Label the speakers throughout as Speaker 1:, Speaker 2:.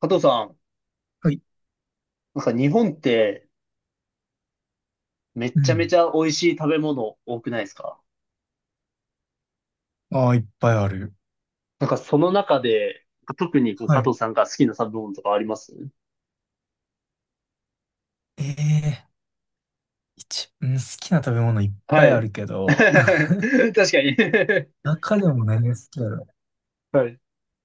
Speaker 1: 加藤さん、
Speaker 2: はい。
Speaker 1: 日本ってめっ
Speaker 2: う
Speaker 1: ちゃめ
Speaker 2: ん。
Speaker 1: ちゃ美味しい食べ物多くないですか？
Speaker 2: ああ、いっぱいある。
Speaker 1: その中で、特に
Speaker 2: は
Speaker 1: 加
Speaker 2: い。
Speaker 1: 藤さんが好きな食べ物とかあります？
Speaker 2: ええ一、うん、好きな食べ物いっ
Speaker 1: は
Speaker 2: ぱいあ
Speaker 1: い。
Speaker 2: るけ ど、
Speaker 1: 確かに。
Speaker 2: 中でも何が好きだろ
Speaker 1: はい。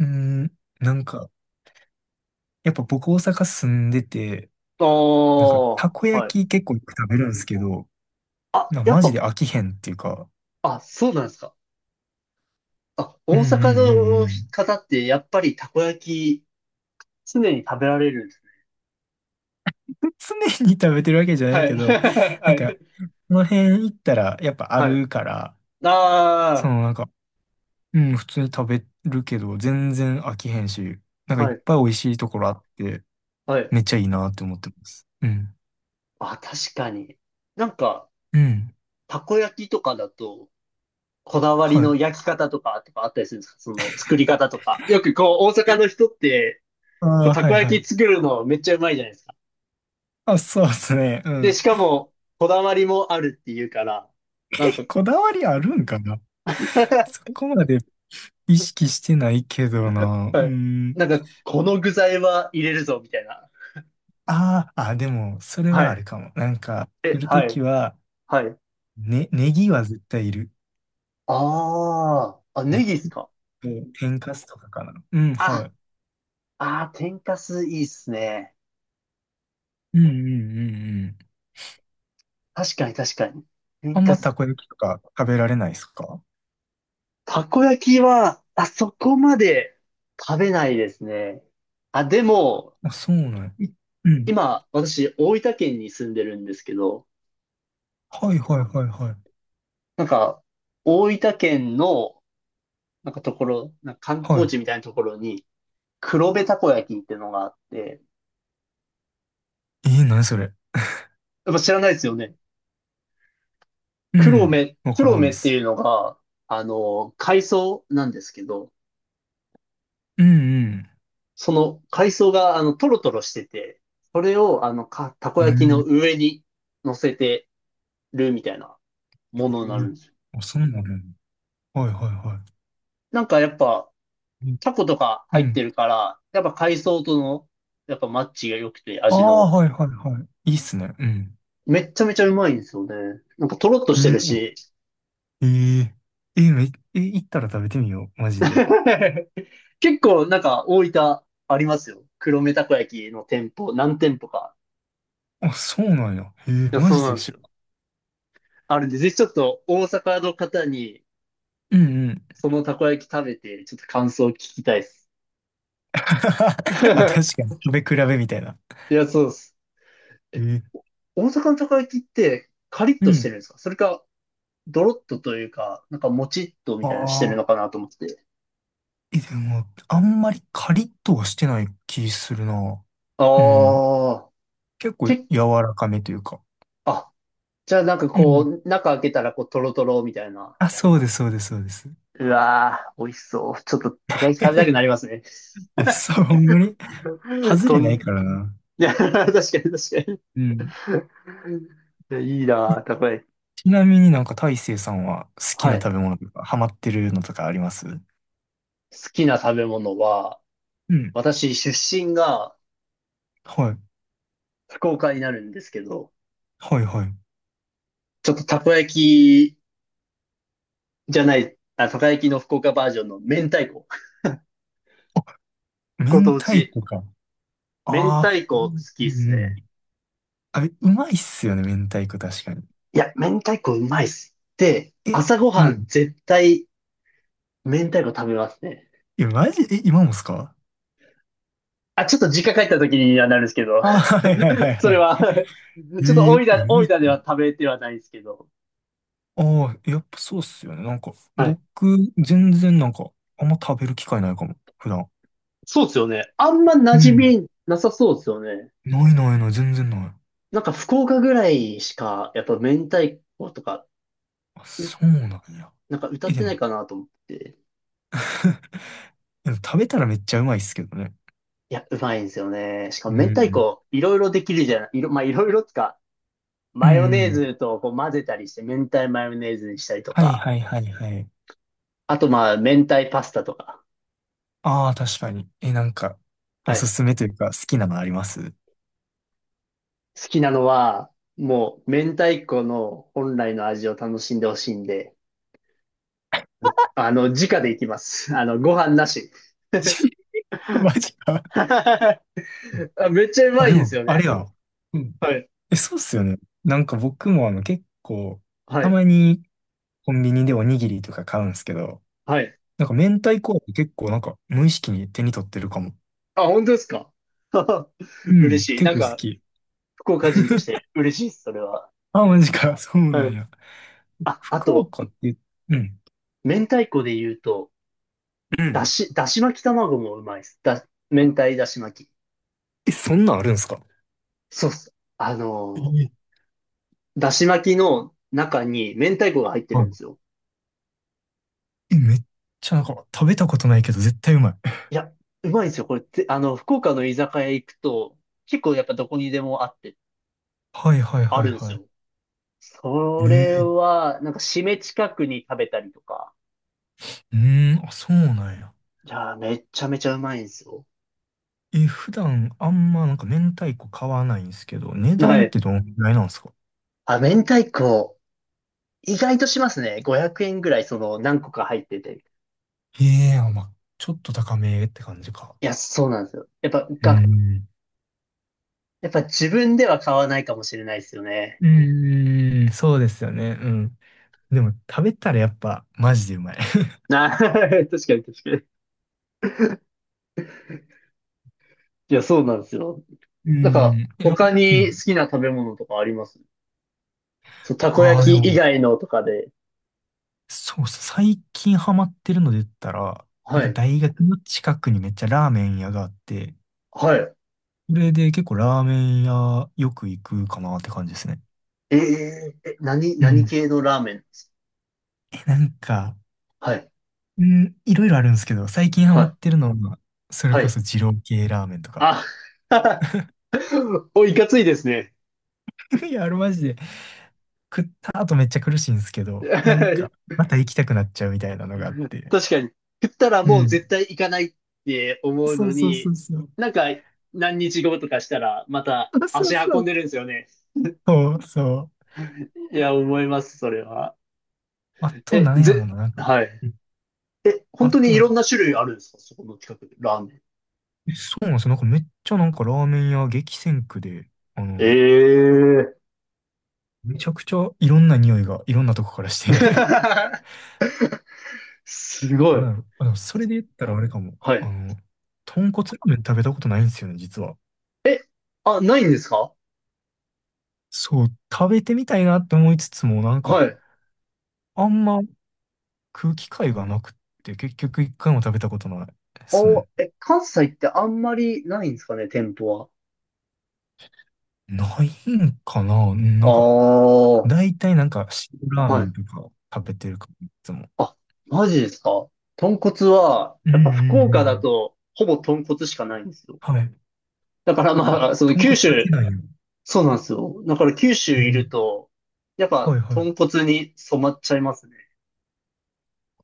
Speaker 2: う。うん、なんか、やっぱ僕大阪住んでて、なんか、
Speaker 1: お
Speaker 2: たこ
Speaker 1: ー、
Speaker 2: 焼
Speaker 1: はい。
Speaker 2: き結構よく食べるんですけど、
Speaker 1: あ、
Speaker 2: なんか
Speaker 1: やっ
Speaker 2: マジ
Speaker 1: ぱ。
Speaker 2: で飽きへんっていうか、
Speaker 1: あ、そうなんですか。あ、
Speaker 2: うん
Speaker 1: 大
Speaker 2: うんう
Speaker 1: 阪
Speaker 2: んう
Speaker 1: の
Speaker 2: ん。
Speaker 1: 方ってやっぱりたこ焼き常に食べられるんです？
Speaker 2: 常に食べてるわけじゃない
Speaker 1: は
Speaker 2: け
Speaker 1: い。
Speaker 2: ど、な
Speaker 1: は
Speaker 2: んか、
Speaker 1: い。
Speaker 2: この辺行ったらやっぱあ
Speaker 1: はい。
Speaker 2: るから、そ
Speaker 1: あ
Speaker 2: のなんか、うん、普通に食べるけど、全然飽きへんし、なん
Speaker 1: あ、
Speaker 2: かい
Speaker 1: は
Speaker 2: っ
Speaker 1: い。
Speaker 2: ぱい美味しいところあって、
Speaker 1: はい。
Speaker 2: めっちゃいいなって思ってます。うん。
Speaker 1: あ、確かに。なんか、
Speaker 2: うん。
Speaker 1: たこ焼きとかだと、こだわり
Speaker 2: はい。
Speaker 1: の焼き方とか、とかあったりするんですか？その作り方とか。よく大阪の人って、
Speaker 2: ああ、
Speaker 1: た
Speaker 2: は
Speaker 1: こ
Speaker 2: いは
Speaker 1: 焼
Speaker 2: い。
Speaker 1: き作るのめっちゃうまいじゃないですか。
Speaker 2: あ、そうですね。う
Speaker 1: で、
Speaker 2: ん。
Speaker 1: しかも、こだわりもあるっていうから、なんか、
Speaker 2: こだわりあるんかな。 そ こまで意識してないけどな。う
Speaker 1: はい。
Speaker 2: ん。
Speaker 1: この具材は入れるぞ、みたいな。
Speaker 2: ああ、あ、でも、それ
Speaker 1: は
Speaker 2: はあ
Speaker 1: い。
Speaker 2: るかも。なんか、来
Speaker 1: え、
Speaker 2: ると
Speaker 1: は
Speaker 2: き
Speaker 1: い。
Speaker 2: は、
Speaker 1: はい。
Speaker 2: ね、ネギは絶対いる。
Speaker 1: ああ、あ、
Speaker 2: ネ
Speaker 1: ネギっす
Speaker 2: ギ
Speaker 1: か？
Speaker 2: と天かすとかかな。うん、は
Speaker 1: あ、
Speaker 2: い。
Speaker 1: あー、天かすいいっすね。
Speaker 2: うんうんうんうん。
Speaker 1: 確かに確かに。
Speaker 2: あ
Speaker 1: 天
Speaker 2: ん
Speaker 1: か
Speaker 2: また
Speaker 1: す。
Speaker 2: こ焼きとか食べられないですか？
Speaker 1: たこ焼きは、あそこまで食べないですね。あ、でも、
Speaker 2: あ、そうなんや。うん。
Speaker 1: 今、私、大分県に住んでるんですけど、
Speaker 2: はいはいはいはい。
Speaker 1: なんか、大分県の、ところ、観
Speaker 2: は
Speaker 1: 光
Speaker 2: い。
Speaker 1: 地みたいなところに、黒部たこ焼きっていうのがあって、
Speaker 2: えー、何それ。
Speaker 1: やっぱ知らないですよね。
Speaker 2: うん。わから
Speaker 1: 黒
Speaker 2: ない
Speaker 1: 目
Speaker 2: で
Speaker 1: って
Speaker 2: す。
Speaker 1: いうのが、海藻なんですけど、
Speaker 2: うんうん。
Speaker 1: その海藻が、トロトロしてて、それを、たこ
Speaker 2: う
Speaker 1: 焼きの
Speaker 2: ん。
Speaker 1: 上に乗せてるみたいな。
Speaker 2: え
Speaker 1: ものになる
Speaker 2: ー、
Speaker 1: んですよ。
Speaker 2: あ、そうなの？はいはいは
Speaker 1: なんかやっぱ、
Speaker 2: い。うん。
Speaker 1: タコとか入ってるから、やっぱ海藻との、やっぱマッチが良くて、
Speaker 2: あ
Speaker 1: 味
Speaker 2: あ、
Speaker 1: の。
Speaker 2: はいはいはい。いいっすね。うん。
Speaker 1: めっちゃめちゃうまいんですよね。なんかとろっと
Speaker 2: え
Speaker 1: して
Speaker 2: ー、
Speaker 1: るし。
Speaker 2: えー、えー、めえー、行ったら食べてみよう。マジで。
Speaker 1: 結構大分ありますよ。黒目たこ焼きの店舗、何店舗か。
Speaker 2: あ、そうなんや。えー、
Speaker 1: いや、
Speaker 2: マ
Speaker 1: そう
Speaker 2: ジ
Speaker 1: な
Speaker 2: で
Speaker 1: んです
Speaker 2: 一
Speaker 1: よ。
Speaker 2: 緒。
Speaker 1: あるんで、ぜひちょっと大阪の方に、
Speaker 2: うんうん。
Speaker 1: そのたこ焼き食べて、ちょっと感想を聞きたいです。
Speaker 2: あ、確かに。食べ比べみたいな。
Speaker 1: いや、そうです。
Speaker 2: えー、
Speaker 1: 大阪のたこ焼きって、カリッ
Speaker 2: う
Speaker 1: として
Speaker 2: ん。
Speaker 1: るんですか？それか、ドロッとというか、なんかもちっとみ
Speaker 2: あ
Speaker 1: たいなしてるの
Speaker 2: あ。
Speaker 1: かなと思って。
Speaker 2: え、でも、あんまりカリッとはしてない気するな。うん。
Speaker 1: ああ、
Speaker 2: 結構
Speaker 1: け、
Speaker 2: 柔らかめというか。
Speaker 1: あ、じゃあなんか
Speaker 2: う
Speaker 1: こ
Speaker 2: ん。
Speaker 1: う、中開けたらこう、トロトロみたいな。
Speaker 2: あ、そうです、そうです、そうです。
Speaker 1: うわー、美味しそう。ちょっとたこ焼き食べたくなり ますね。
Speaker 2: え、そう、ほんまに 外
Speaker 1: こ
Speaker 2: れな
Speaker 1: ん、
Speaker 2: いからな。
Speaker 1: いや、確かに確かに。
Speaker 2: うん。
Speaker 1: いやいい
Speaker 2: え
Speaker 1: なー、たこ焼き。
Speaker 2: ちなみになんか大成さんは好き
Speaker 1: は
Speaker 2: な
Speaker 1: い。
Speaker 2: 食べ物とか、ハマってるのとかあります？
Speaker 1: 好きな食べ物は、
Speaker 2: うん。
Speaker 1: 私、出身が
Speaker 2: はい。
Speaker 1: 福岡になるんですけど、
Speaker 2: はい、はい。
Speaker 1: ちょっとたこ焼きじゃない、あ、たこ焼きの福岡バージョンの明太子。
Speaker 2: あ、
Speaker 1: ご
Speaker 2: 明
Speaker 1: 当
Speaker 2: 太
Speaker 1: 地。
Speaker 2: 子か。
Speaker 1: 明
Speaker 2: あ
Speaker 1: 太
Speaker 2: あ、あ、
Speaker 1: 子好
Speaker 2: う
Speaker 1: きっ
Speaker 2: んう
Speaker 1: す
Speaker 2: ん。
Speaker 1: ね。
Speaker 2: あれ、うまいっすよね、明太子確かに。
Speaker 1: いや、明太子うまいっす。で、
Speaker 2: え、
Speaker 1: 朝ご
Speaker 2: う
Speaker 1: はん
Speaker 2: ん。
Speaker 1: 絶対明太子食べますね。
Speaker 2: え、マジ、え、今もっすか？
Speaker 1: あ、ちょっと実家帰った時にはなるんですけど、
Speaker 2: あ、はいはいはい
Speaker 1: そ
Speaker 2: は
Speaker 1: れは
Speaker 2: い。え
Speaker 1: ちょっと
Speaker 2: え、えぐ
Speaker 1: 大
Speaker 2: い、
Speaker 1: 分では食べてはないんですけど。
Speaker 2: ああ、やっぱそうっすよね。なんか、
Speaker 1: はい。
Speaker 2: 僕、全然なんか、あんま食べる機会ないかも、普段。
Speaker 1: そうっすよね。あんま
Speaker 2: う
Speaker 1: 馴染
Speaker 2: ん。
Speaker 1: みなさそうっすよね。
Speaker 2: ないないない、全然ない。
Speaker 1: なんか福岡ぐらいしか、やっぱ明太子とか、
Speaker 2: あ、
Speaker 1: う、
Speaker 2: そうなんや。
Speaker 1: なんか歌
Speaker 2: え、
Speaker 1: っ
Speaker 2: で
Speaker 1: て
Speaker 2: も、
Speaker 1: ないかなと思って。
Speaker 2: でも食べたらめっちゃうまいっすけどね。
Speaker 1: いや、うまいんですよね。しかも
Speaker 2: う
Speaker 1: 明太
Speaker 2: ん。
Speaker 1: 子、いろいろできるじゃない、いろ、まあいろいろっすか、
Speaker 2: う
Speaker 1: マヨネー
Speaker 2: ん。
Speaker 1: ズとこう混ぜたりして、明太マヨネーズにしたりと
Speaker 2: はい
Speaker 1: か、
Speaker 2: はいはいはい。
Speaker 1: あとまあ、明太パスタとか。
Speaker 2: ああ、確かに。え、なんか、
Speaker 1: は
Speaker 2: おす
Speaker 1: い。
Speaker 2: すめというか、好きなのあります？
Speaker 1: 好きなのは、もう、明太子の本来の味を楽しんでほしいんで、直でいきます。ご飯なし。
Speaker 2: マジか。
Speaker 1: あ、めっちゃう
Speaker 2: あ、
Speaker 1: まい
Speaker 2: で
Speaker 1: んです
Speaker 2: も、
Speaker 1: よね。
Speaker 2: あれや。
Speaker 1: はい。
Speaker 2: え、そうっすよね。なんか僕もあの結構、
Speaker 1: は
Speaker 2: た
Speaker 1: い。
Speaker 2: まにコンビニでおにぎりとか買うんですけど、
Speaker 1: はい。
Speaker 2: なんか明太子って結構なんか無意識に手に取ってるかも。
Speaker 1: あ、本当ですか？
Speaker 2: う
Speaker 1: 嬉
Speaker 2: ん、
Speaker 1: しい。
Speaker 2: 結
Speaker 1: なん
Speaker 2: 構好
Speaker 1: か、
Speaker 2: き。
Speaker 1: 福岡人として嬉しいです、それは。
Speaker 2: あ、マジか。そうな
Speaker 1: は
Speaker 2: ん
Speaker 1: い。
Speaker 2: や。
Speaker 1: あ、あ
Speaker 2: 福
Speaker 1: と、
Speaker 2: 岡って、うん。
Speaker 1: 明太子で言うと、
Speaker 2: うん。
Speaker 1: だし巻き卵もうまいです。明太だし巻き。
Speaker 2: え、そんなんあるんすか？
Speaker 1: そうっす。あの
Speaker 2: ええ、
Speaker 1: ー、だし巻きの中に明太子が入って
Speaker 2: は
Speaker 1: るんで
Speaker 2: い。
Speaker 1: すよ。
Speaker 2: え、めっちゃなんか食べたことないけど絶対うまい。
Speaker 1: いや、うまいんですよ。これって、福岡の居酒屋行くと、結構やっぱどこにでもあって、
Speaker 2: はいはい
Speaker 1: あ
Speaker 2: は
Speaker 1: る
Speaker 2: い
Speaker 1: んです
Speaker 2: はい。
Speaker 1: よ。それ
Speaker 2: ええ、
Speaker 1: は、なんか締め近くに食べたりとか。
Speaker 2: うーん、あ、そうなんや。
Speaker 1: いやー、めっちゃめちゃうまいんですよ。
Speaker 2: え、普段あんまなんか明太子買わないんですけど、値
Speaker 1: は
Speaker 2: 段っ
Speaker 1: い。
Speaker 2: てどんぐらいなんですか？
Speaker 1: あ、明太子、意外としますね。500円ぐらい、その、何個か入ってて。
Speaker 2: ええ、あ、まあ、ちょっと高めって感じか。
Speaker 1: いや、そうなんですよ。
Speaker 2: うん。
Speaker 1: やっぱ自分では買わないかもしれないですよね。
Speaker 2: うん、そうですよね。うん。でも、食べたらやっぱ、マジでうまい。
Speaker 1: あ、確かに確かに。いや、そうなんですよ。
Speaker 2: う
Speaker 1: なんか、
Speaker 2: ん。いや、
Speaker 1: 他
Speaker 2: う
Speaker 1: に好
Speaker 2: ん。
Speaker 1: きな食べ物とかあります？そう、たこ
Speaker 2: ああ、で
Speaker 1: 焼き以
Speaker 2: も、
Speaker 1: 外のとかで。
Speaker 2: そうそう、最近ハマってるので言ったら、な
Speaker 1: は
Speaker 2: んか
Speaker 1: い。
Speaker 2: 大学の近くにめっちゃラーメン屋があって、
Speaker 1: はい。
Speaker 2: それで結構ラーメン屋よく行くかなって感じですね。
Speaker 1: えええ、
Speaker 2: う
Speaker 1: 何
Speaker 2: ん。
Speaker 1: 系のラーメン？
Speaker 2: え、なんか、
Speaker 1: はい。
Speaker 2: うん、いろいろあるんですけど、最近ハ
Speaker 1: は
Speaker 2: マ
Speaker 1: い。
Speaker 2: ってるのは、それ
Speaker 1: は
Speaker 2: こ
Speaker 1: い。
Speaker 2: そ二郎系ラーメンとか。
Speaker 1: あ、お、いかついですね。
Speaker 2: いや、あれマジで、食った後めっちゃ苦しいんですけど、なん か、
Speaker 1: 確
Speaker 2: また行きたくなっちゃうみたいなのがあって。
Speaker 1: かに。食ったら
Speaker 2: う
Speaker 1: もう
Speaker 2: ん。
Speaker 1: 絶対行かないって思う
Speaker 2: そ
Speaker 1: の
Speaker 2: うそうそ
Speaker 1: に、
Speaker 2: うそう。
Speaker 1: なんか何日後とかしたらまた
Speaker 2: そうそう
Speaker 1: 足
Speaker 2: そ
Speaker 1: 運んでる
Speaker 2: う。
Speaker 1: んですよね。
Speaker 2: そうそう。
Speaker 1: いや、思います、それは。
Speaker 2: あと、
Speaker 1: え、
Speaker 2: なんやろう
Speaker 1: ぜ、
Speaker 2: な。なんか、
Speaker 1: はい。
Speaker 2: うん、
Speaker 1: え、本
Speaker 2: あ
Speaker 1: 当
Speaker 2: と、
Speaker 1: にい
Speaker 2: なん
Speaker 1: ろ
Speaker 2: か、
Speaker 1: んな種類あるんですか？そこの近くで、ラーメン。
Speaker 2: そうなんですよ。なんかめっちゃなんかラーメン屋激戦区で、あ
Speaker 1: え
Speaker 2: の、
Speaker 1: えー。
Speaker 2: めちゃくちゃいろんな匂いがいろんなとこからして
Speaker 1: す ご
Speaker 2: な
Speaker 1: い。
Speaker 2: んやろ。 あ、でもそれで言ったらあれかも。
Speaker 1: は
Speaker 2: あ
Speaker 1: い。
Speaker 2: の、豚骨ラーメン食べたことないんですよね、実は。
Speaker 1: え、あ、ないんですか？
Speaker 2: そう、食べてみたいなって思いつつも、なんか、
Speaker 1: はい。
Speaker 2: あんま食う機会がなくって結局一回も食べたことないですね。
Speaker 1: え、関西ってあんまりないんですかね、店舗は。
Speaker 2: ないんかな、うん、なんか、
Speaker 1: あ
Speaker 2: 大体なんか塩ラー
Speaker 1: あ、
Speaker 2: メ
Speaker 1: はい。
Speaker 2: ンとか食べてるかも、いつも。
Speaker 1: あ、マジですか？豚骨は、
Speaker 2: うんう
Speaker 1: やっぱ福
Speaker 2: んう
Speaker 1: 岡だ
Speaker 2: ん。
Speaker 1: と、ほぼ豚骨しかないんですよ。
Speaker 2: はい。
Speaker 1: だから
Speaker 2: あ、
Speaker 1: まあ、その
Speaker 2: 豚
Speaker 1: 九
Speaker 2: 骨だけ
Speaker 1: 州、
Speaker 2: なんや。
Speaker 1: そうなんですよ。だから九州
Speaker 2: え
Speaker 1: いる
Speaker 2: ー、
Speaker 1: と、やっぱ
Speaker 2: はいは
Speaker 1: 豚
Speaker 2: い。
Speaker 1: 骨に染まっちゃいますね。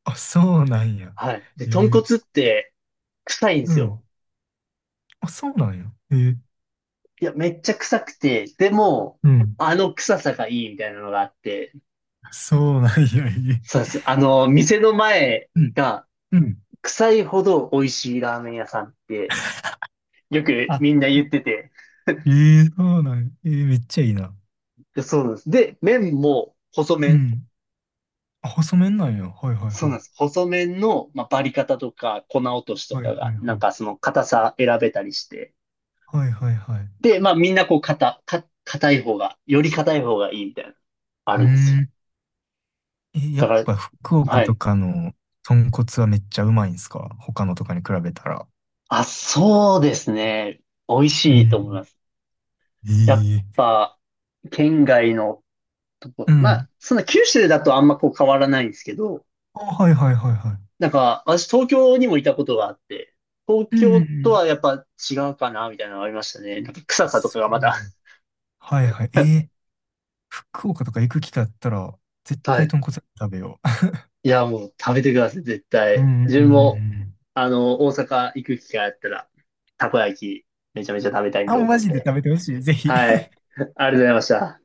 Speaker 2: あ、そうなんや。
Speaker 1: はい。で、
Speaker 2: え
Speaker 1: 豚骨っ
Speaker 2: ー、
Speaker 1: て臭いんで
Speaker 2: う
Speaker 1: す
Speaker 2: ん。
Speaker 1: よ。
Speaker 2: あ、そうなんや。えー、
Speaker 1: いや、めっちゃ臭くて、でも、
Speaker 2: うん。
Speaker 1: あの臭さがいいみたいなのがあって、
Speaker 2: そうなんや。え
Speaker 1: そ
Speaker 2: ー、
Speaker 1: うです。店の前
Speaker 2: うん。
Speaker 1: が
Speaker 2: うん。
Speaker 1: 臭いほど美味しいラーメン屋さんって、よく
Speaker 2: あ、
Speaker 1: みんな言ってて。
Speaker 2: えー、そうなんや。えー、めっちゃいいな。
Speaker 1: で、そうなんです。で、麺も細
Speaker 2: う
Speaker 1: 麺。
Speaker 2: ん。あ、細麺なんや。はいはい
Speaker 1: そう
Speaker 2: は
Speaker 1: なん
Speaker 2: い。
Speaker 1: です。細麺の、まあ、バリ方とか粉落としと
Speaker 2: はいは
Speaker 1: かが、
Speaker 2: い
Speaker 1: な
Speaker 2: は
Speaker 1: ん
Speaker 2: い。
Speaker 1: かその硬さ選べたりして、
Speaker 2: はいはいはい。
Speaker 1: で、まあみんなこう硬い方が、より硬い方がいいみたいな、あ
Speaker 2: うー
Speaker 1: るんですよ。
Speaker 2: ん。え、や
Speaker 1: だか
Speaker 2: っ
Speaker 1: ら、
Speaker 2: ぱ福岡
Speaker 1: は
Speaker 2: と
Speaker 1: い。
Speaker 2: かの豚骨はめっちゃうまいんすか？他のとかに比べたら。
Speaker 1: あ、そうですね。美味
Speaker 2: う
Speaker 1: しいと思い
Speaker 2: ん。
Speaker 1: ます。
Speaker 2: え
Speaker 1: やっ
Speaker 2: え。
Speaker 1: ぱ、県外のと
Speaker 2: う
Speaker 1: こ、ま
Speaker 2: ん。
Speaker 1: あ、そんな九州だとあんまこう変わらないんですけど、
Speaker 2: あ、はいはいはいはい。
Speaker 1: なんか、私東京にもいたことがあって、東
Speaker 2: うんうん
Speaker 1: 京
Speaker 2: う
Speaker 1: と
Speaker 2: ん、
Speaker 1: はやっぱ違うかな、みたいなのがありましたね。なんか臭
Speaker 2: あ、
Speaker 1: さとか
Speaker 2: そ
Speaker 1: が
Speaker 2: う。
Speaker 1: また。
Speaker 2: はいはい。ええ、福岡とか行く機会あったら、絶
Speaker 1: は
Speaker 2: 対
Speaker 1: い。
Speaker 2: 豚骨食べよ
Speaker 1: いや、もう食べてください、絶
Speaker 2: う。う
Speaker 1: 対。
Speaker 2: ん。うん
Speaker 1: 自
Speaker 2: うんう
Speaker 1: 分も、
Speaker 2: ん。
Speaker 1: 大阪行く機会あったら、たこ焼き、めちゃめちゃ食べたい
Speaker 2: あ、
Speaker 1: と思
Speaker 2: マ
Speaker 1: うん
Speaker 2: ジで
Speaker 1: で。
Speaker 2: 食べてほしい。ぜひ。
Speaker 1: はい。ありがとうございました。